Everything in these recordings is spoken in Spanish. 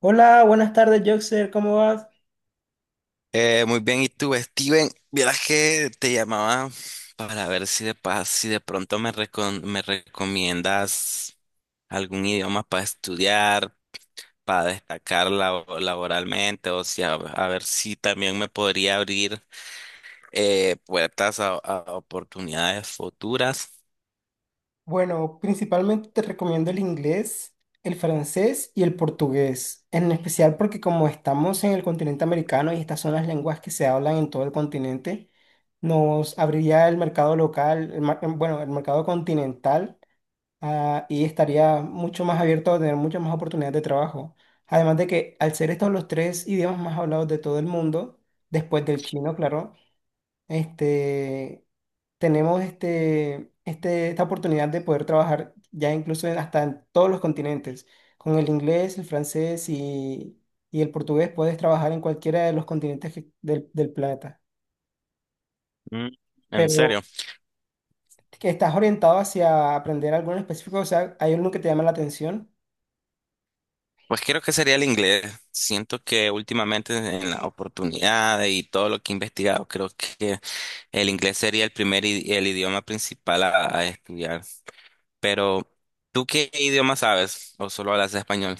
Hola, buenas tardes, Joxer, ¿cómo vas? Muy bien, ¿y tú, Steven? Vieras que te llamaba para ver si de pronto me recomiendas algún idioma para estudiar, para destacar laboralmente, o sea, a ver si también me podría abrir puertas a oportunidades futuras. Bueno, principalmente te recomiendo el inglés, el francés y el portugués, en especial porque como estamos en el continente americano y estas son las lenguas que se hablan en todo el continente, nos abriría el mercado local, bueno, el mercado continental, ah, y estaría mucho más abierto a tener muchas más oportunidades de trabajo. Además de que al ser estos los tres idiomas más hablados de todo el mundo, después del chino, claro, este... tenemos esta oportunidad de poder trabajar ya incluso hasta en todos los continentes. Con el inglés, el francés y el portugués puedes trabajar en cualquiera de los continentes del planeta. Mm, ¿En Pero serio? que estás orientado hacia aprender algo en específico, o sea, ¿hay alguno que te llama la atención? Pues creo que sería el inglés. Siento que últimamente en las oportunidades y todo lo que he investigado, creo que el inglés sería el idioma principal a estudiar. Pero, ¿tú qué idioma sabes? ¿O solo hablas español?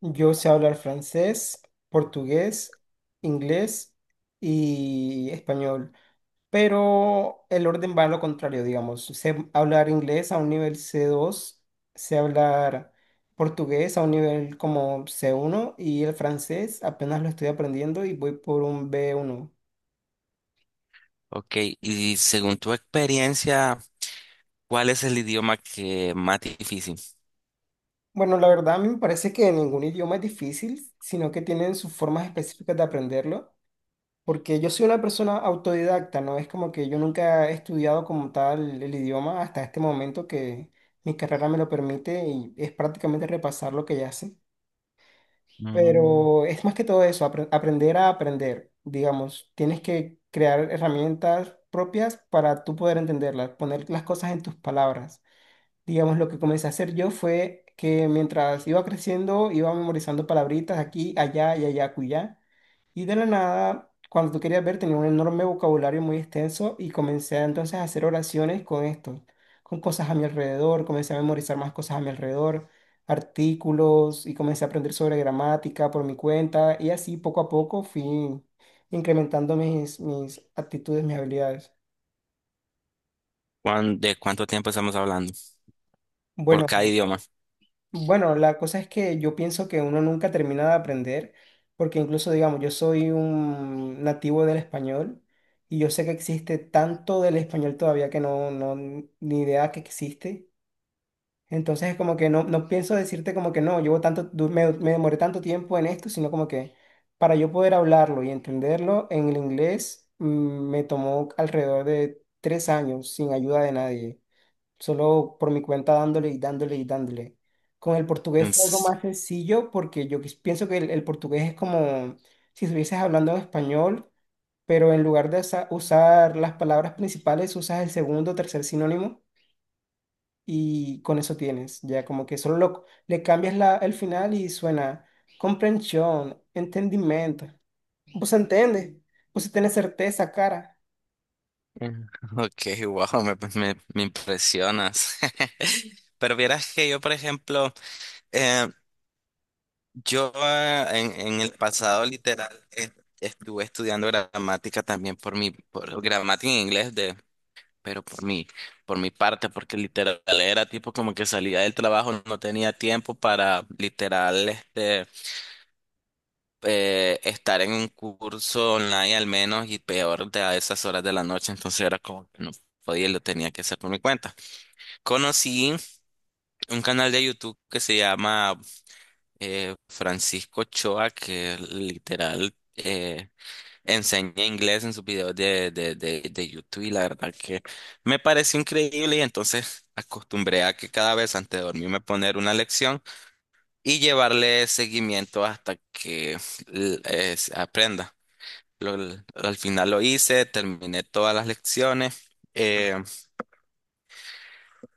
Yo sé hablar francés, portugués, inglés y español, pero el orden va a lo contrario, digamos. Sé hablar inglés a un nivel C2, sé hablar portugués a un nivel como C1, y el francés apenas lo estoy aprendiendo y voy por un B1. Ok, y según tu experiencia, ¿cuál es el idioma que más difícil? Bueno, la verdad a mí me parece que ningún idioma es difícil, sino que tienen sus formas específicas de aprenderlo, porque yo soy una persona autodidacta, ¿no? Es como que yo nunca he estudiado como tal el idioma hasta este momento que mi carrera me lo permite y es prácticamente repasar lo que ya sé. Pero es más que todo eso, aprender a aprender, digamos. Tienes que crear herramientas propias para tú poder entenderlas, poner las cosas en tus palabras. Digamos, lo que comencé a hacer yo fue que mientras iba creciendo, iba memorizando palabritas aquí, allá y allá, cuyá. Y de la nada, cuando tú querías ver, tenía un enorme vocabulario muy extenso y comencé entonces a hacer oraciones con esto, con cosas a mi alrededor, comencé a memorizar más cosas a mi alrededor, artículos y comencé a aprender sobre gramática por mi cuenta y así poco a poco fui incrementando mis actitudes, mis habilidades. ¿De cuánto tiempo estamos hablando por Bueno, cada idioma? Bueno, la cosa es que yo pienso que uno nunca termina de aprender, porque incluso, digamos, yo soy un nativo del español y yo sé que existe tanto del español todavía que no, no, ni idea que existe. Entonces es como que no, no pienso decirte como que no, llevo tanto, me demoré tanto tiempo en esto, sino como que para yo poder hablarlo y entenderlo en el inglés, me tomó alrededor de 3 años sin ayuda de nadie, solo por mi cuenta dándole y dándole y dándole. Con el portugués Mm, fue algo s- más sencillo porque yo pienso que el portugués es como si estuvieses hablando en español, pero en lugar de usar las palabras principales, usas el segundo o tercer sinónimo y con eso tienes, ya como que solo le cambias la, el final y suena comprensión, entendimiento. Pues entiende, pues si tienes certeza, cara. mm, Ok, wow, me impresionas. Pero vieras que yo, por ejemplo, yo en el pasado literal, estuve estudiando gramática también por mi, por gramática en inglés pero por mi parte, porque literal era tipo como que salía del trabajo, no tenía tiempo para literal estar en un curso online al menos y peor de a esas horas de la noche, entonces era como que no podía, y lo tenía que hacer por mi cuenta. Conocí un canal de YouTube que se llama Francisco Ochoa, que literal enseña inglés en sus videos de YouTube, y la verdad que me pareció increíble, y entonces acostumbré a que cada vez antes de dormirme poner una lección y llevarle seguimiento hasta que se aprenda. Al final lo hice, terminé todas las lecciones. eh,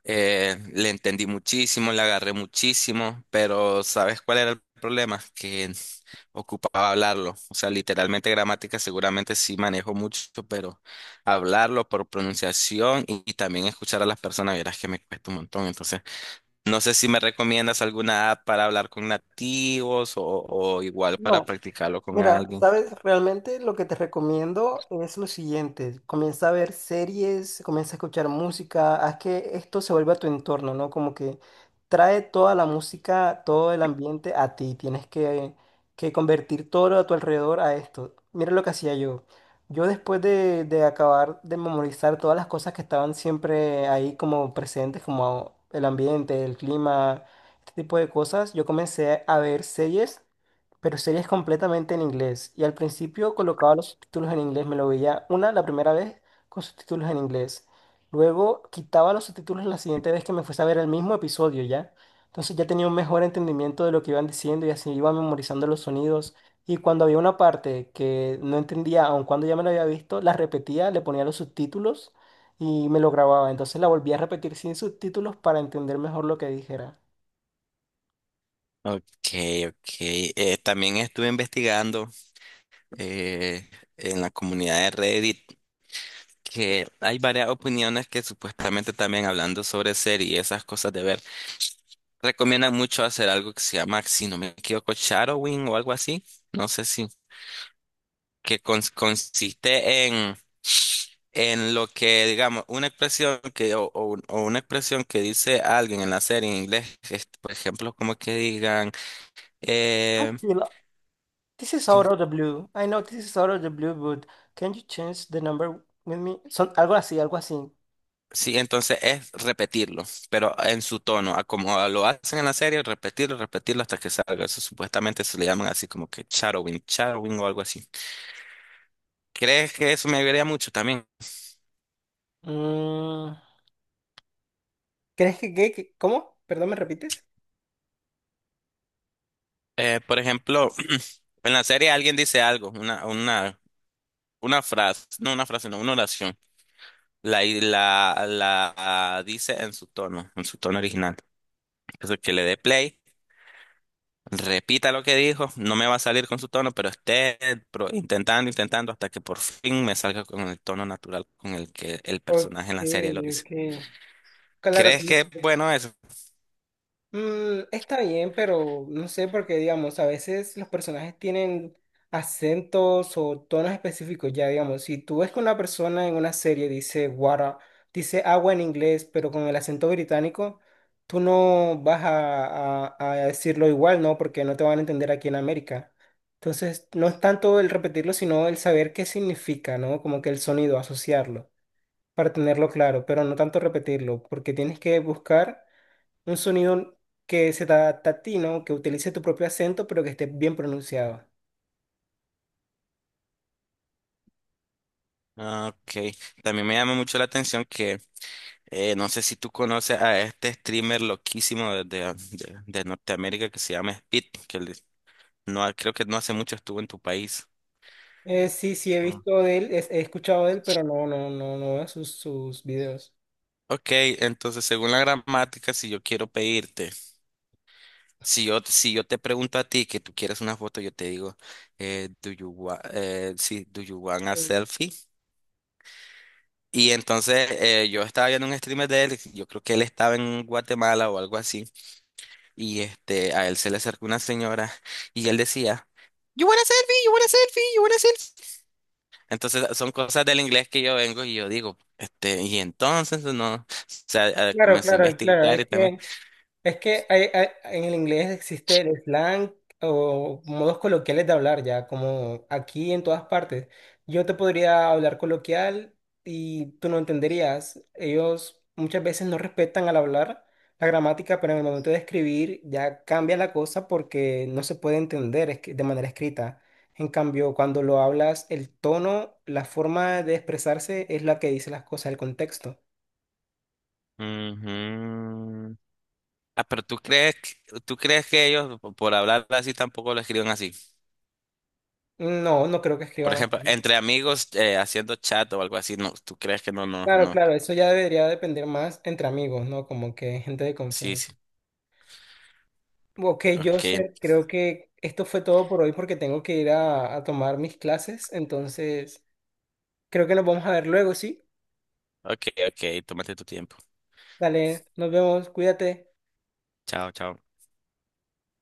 Le entendí muchísimo, le agarré muchísimo, pero ¿sabes cuál era el problema? Que ocupaba hablarlo. O sea, literalmente gramática seguramente sí manejo mucho, pero hablarlo por pronunciación y también escuchar a las personas, verás que me cuesta un montón. Entonces, no sé si me recomiendas alguna app para hablar con nativos o igual para practicarlo con Mira, alguien. sabes, realmente lo que te recomiendo es lo siguiente. Comienza a ver series, comienza a escuchar música, haz que esto se vuelva a tu entorno, ¿no? Como que trae toda la música, todo el ambiente a ti. Tienes que convertir todo a tu alrededor a esto. Mira lo que hacía yo. Yo después de acabar de memorizar todas las cosas que estaban siempre ahí como presentes, como el ambiente, el clima, este tipo de cosas, yo comencé a ver series pero series completamente en inglés. Y al principio colocaba los subtítulos en inglés, me lo veía una la primera vez con subtítulos en inglés. Luego quitaba los subtítulos la siguiente vez que me fuese a ver el mismo episodio ya. Entonces ya tenía un mejor entendimiento de lo que iban diciendo y así iba memorizando los sonidos. Y cuando había una parte que no entendía, aun cuando ya me la había visto, la repetía, le ponía los subtítulos y me lo grababa. Entonces la volvía a repetir sin subtítulos para entender mejor lo que dijera. Ok, ok. También estuve investigando, eh, en la comunidad de Reddit, que hay varias opiniones que supuestamente también hablando sobre series y esas cosas de ver, recomiendan mucho hacer algo que se llama, si no me equivoco, shadowing o algo así, no sé si, consiste en lo que, digamos, una expresión que, o una expresión que dice alguien en la serie en inglés, es, por ejemplo, como que digan, eh, This is out of the blue. I know this is out of the blue, but can you change the number with me? Son algo así, algo así. sí, entonces es repetirlo, pero en su tono, a como lo hacen en la serie, repetirlo, repetirlo hasta que salga. Eso supuestamente se le llaman así como que shadowing, shadowing o algo así. ¿Crees que eso me ayudaría mucho también? Mm, ¿crees cómo? Perdón, ¿me repites? Por ejemplo, en la serie alguien dice algo, una frase, no una frase, no, una oración. La dice en su tono original. Entonces que le dé play, repita lo que dijo, no me va a salir con su tono, pero esté intentando hasta que por fin me salga con el tono natural con el que el Ok, personaje en la serie lo dice. ok. Claro, ¿Crees ¿cómo? que es bueno eso? Mm, está bien, pero no sé, porque digamos, a veces los personajes tienen acentos o tonos específicos, ya digamos, si tú ves que una persona en una serie dice water, dice agua en inglés, pero con el acento británico, tú no vas a decirlo igual, ¿no? Porque no te van a entender aquí en América. Entonces, no es tanto el repetirlo, sino el saber qué significa, ¿no? Como que el sonido, asociarlo, para tenerlo claro, pero no tanto repetirlo, porque tienes que buscar. Un sonido que se te adapta a ti, ¿no? Que utilice tu propio acento, pero que esté bien pronunciado. Ah, ok, también me llama mucho la atención que no sé si tú conoces a este streamer loquísimo de Norteamérica que se llama Speed, que no, creo que no hace mucho estuvo en tu país. Sí, sí, he Ah. visto de él, he escuchado de él, pero no, no, no, no veo sus videos. Ok, entonces según la gramática, si yo quiero pedirte, si yo te pregunto a ti que tú quieres una foto, yo te digo, eh, do you want, do you want a Mm. selfie? Y entonces yo estaba viendo un streamer de él, yo creo que él estaba en Guatemala o algo así, y este, a él se le acercó una señora y él decía, you want a selfie, you want a selfie, you want a selfie. Entonces son cosas del inglés que yo vengo y yo digo, este, y entonces no, o sea, Claro, comencé a claro, claro. investigar y Es también. que Es que en el inglés existe el slang o modos coloquiales de hablar ya, como aquí en todas partes. Yo te podría hablar coloquial y tú no entenderías. Ellos muchas veces no respetan al hablar la gramática, pero en el momento de escribir ya cambia la cosa porque no se puede entender de manera escrita. En cambio, cuando lo hablas, el tono, la forma de expresarse es la que dice las cosas, el contexto. Ujú. Ah, pero tú crees, tú crees que ellos por hablar así tampoco lo escriben así. No, no creo que Por escriban. ejemplo, entre amigos, haciendo chat o algo así, no, tú crees que no, no, Claro, no. claro, eso ya debería depender más entre amigos, ¿no? Como que gente de Sí, confianza. sí. Ok, Ok, Joseph, creo que esto fue todo por hoy porque tengo que ir a tomar mis clases, entonces creo que nos vamos a ver luego, ¿sí? ok, ok, tómate tu tiempo. Dale, nos vemos, cuídate. Chao, chao.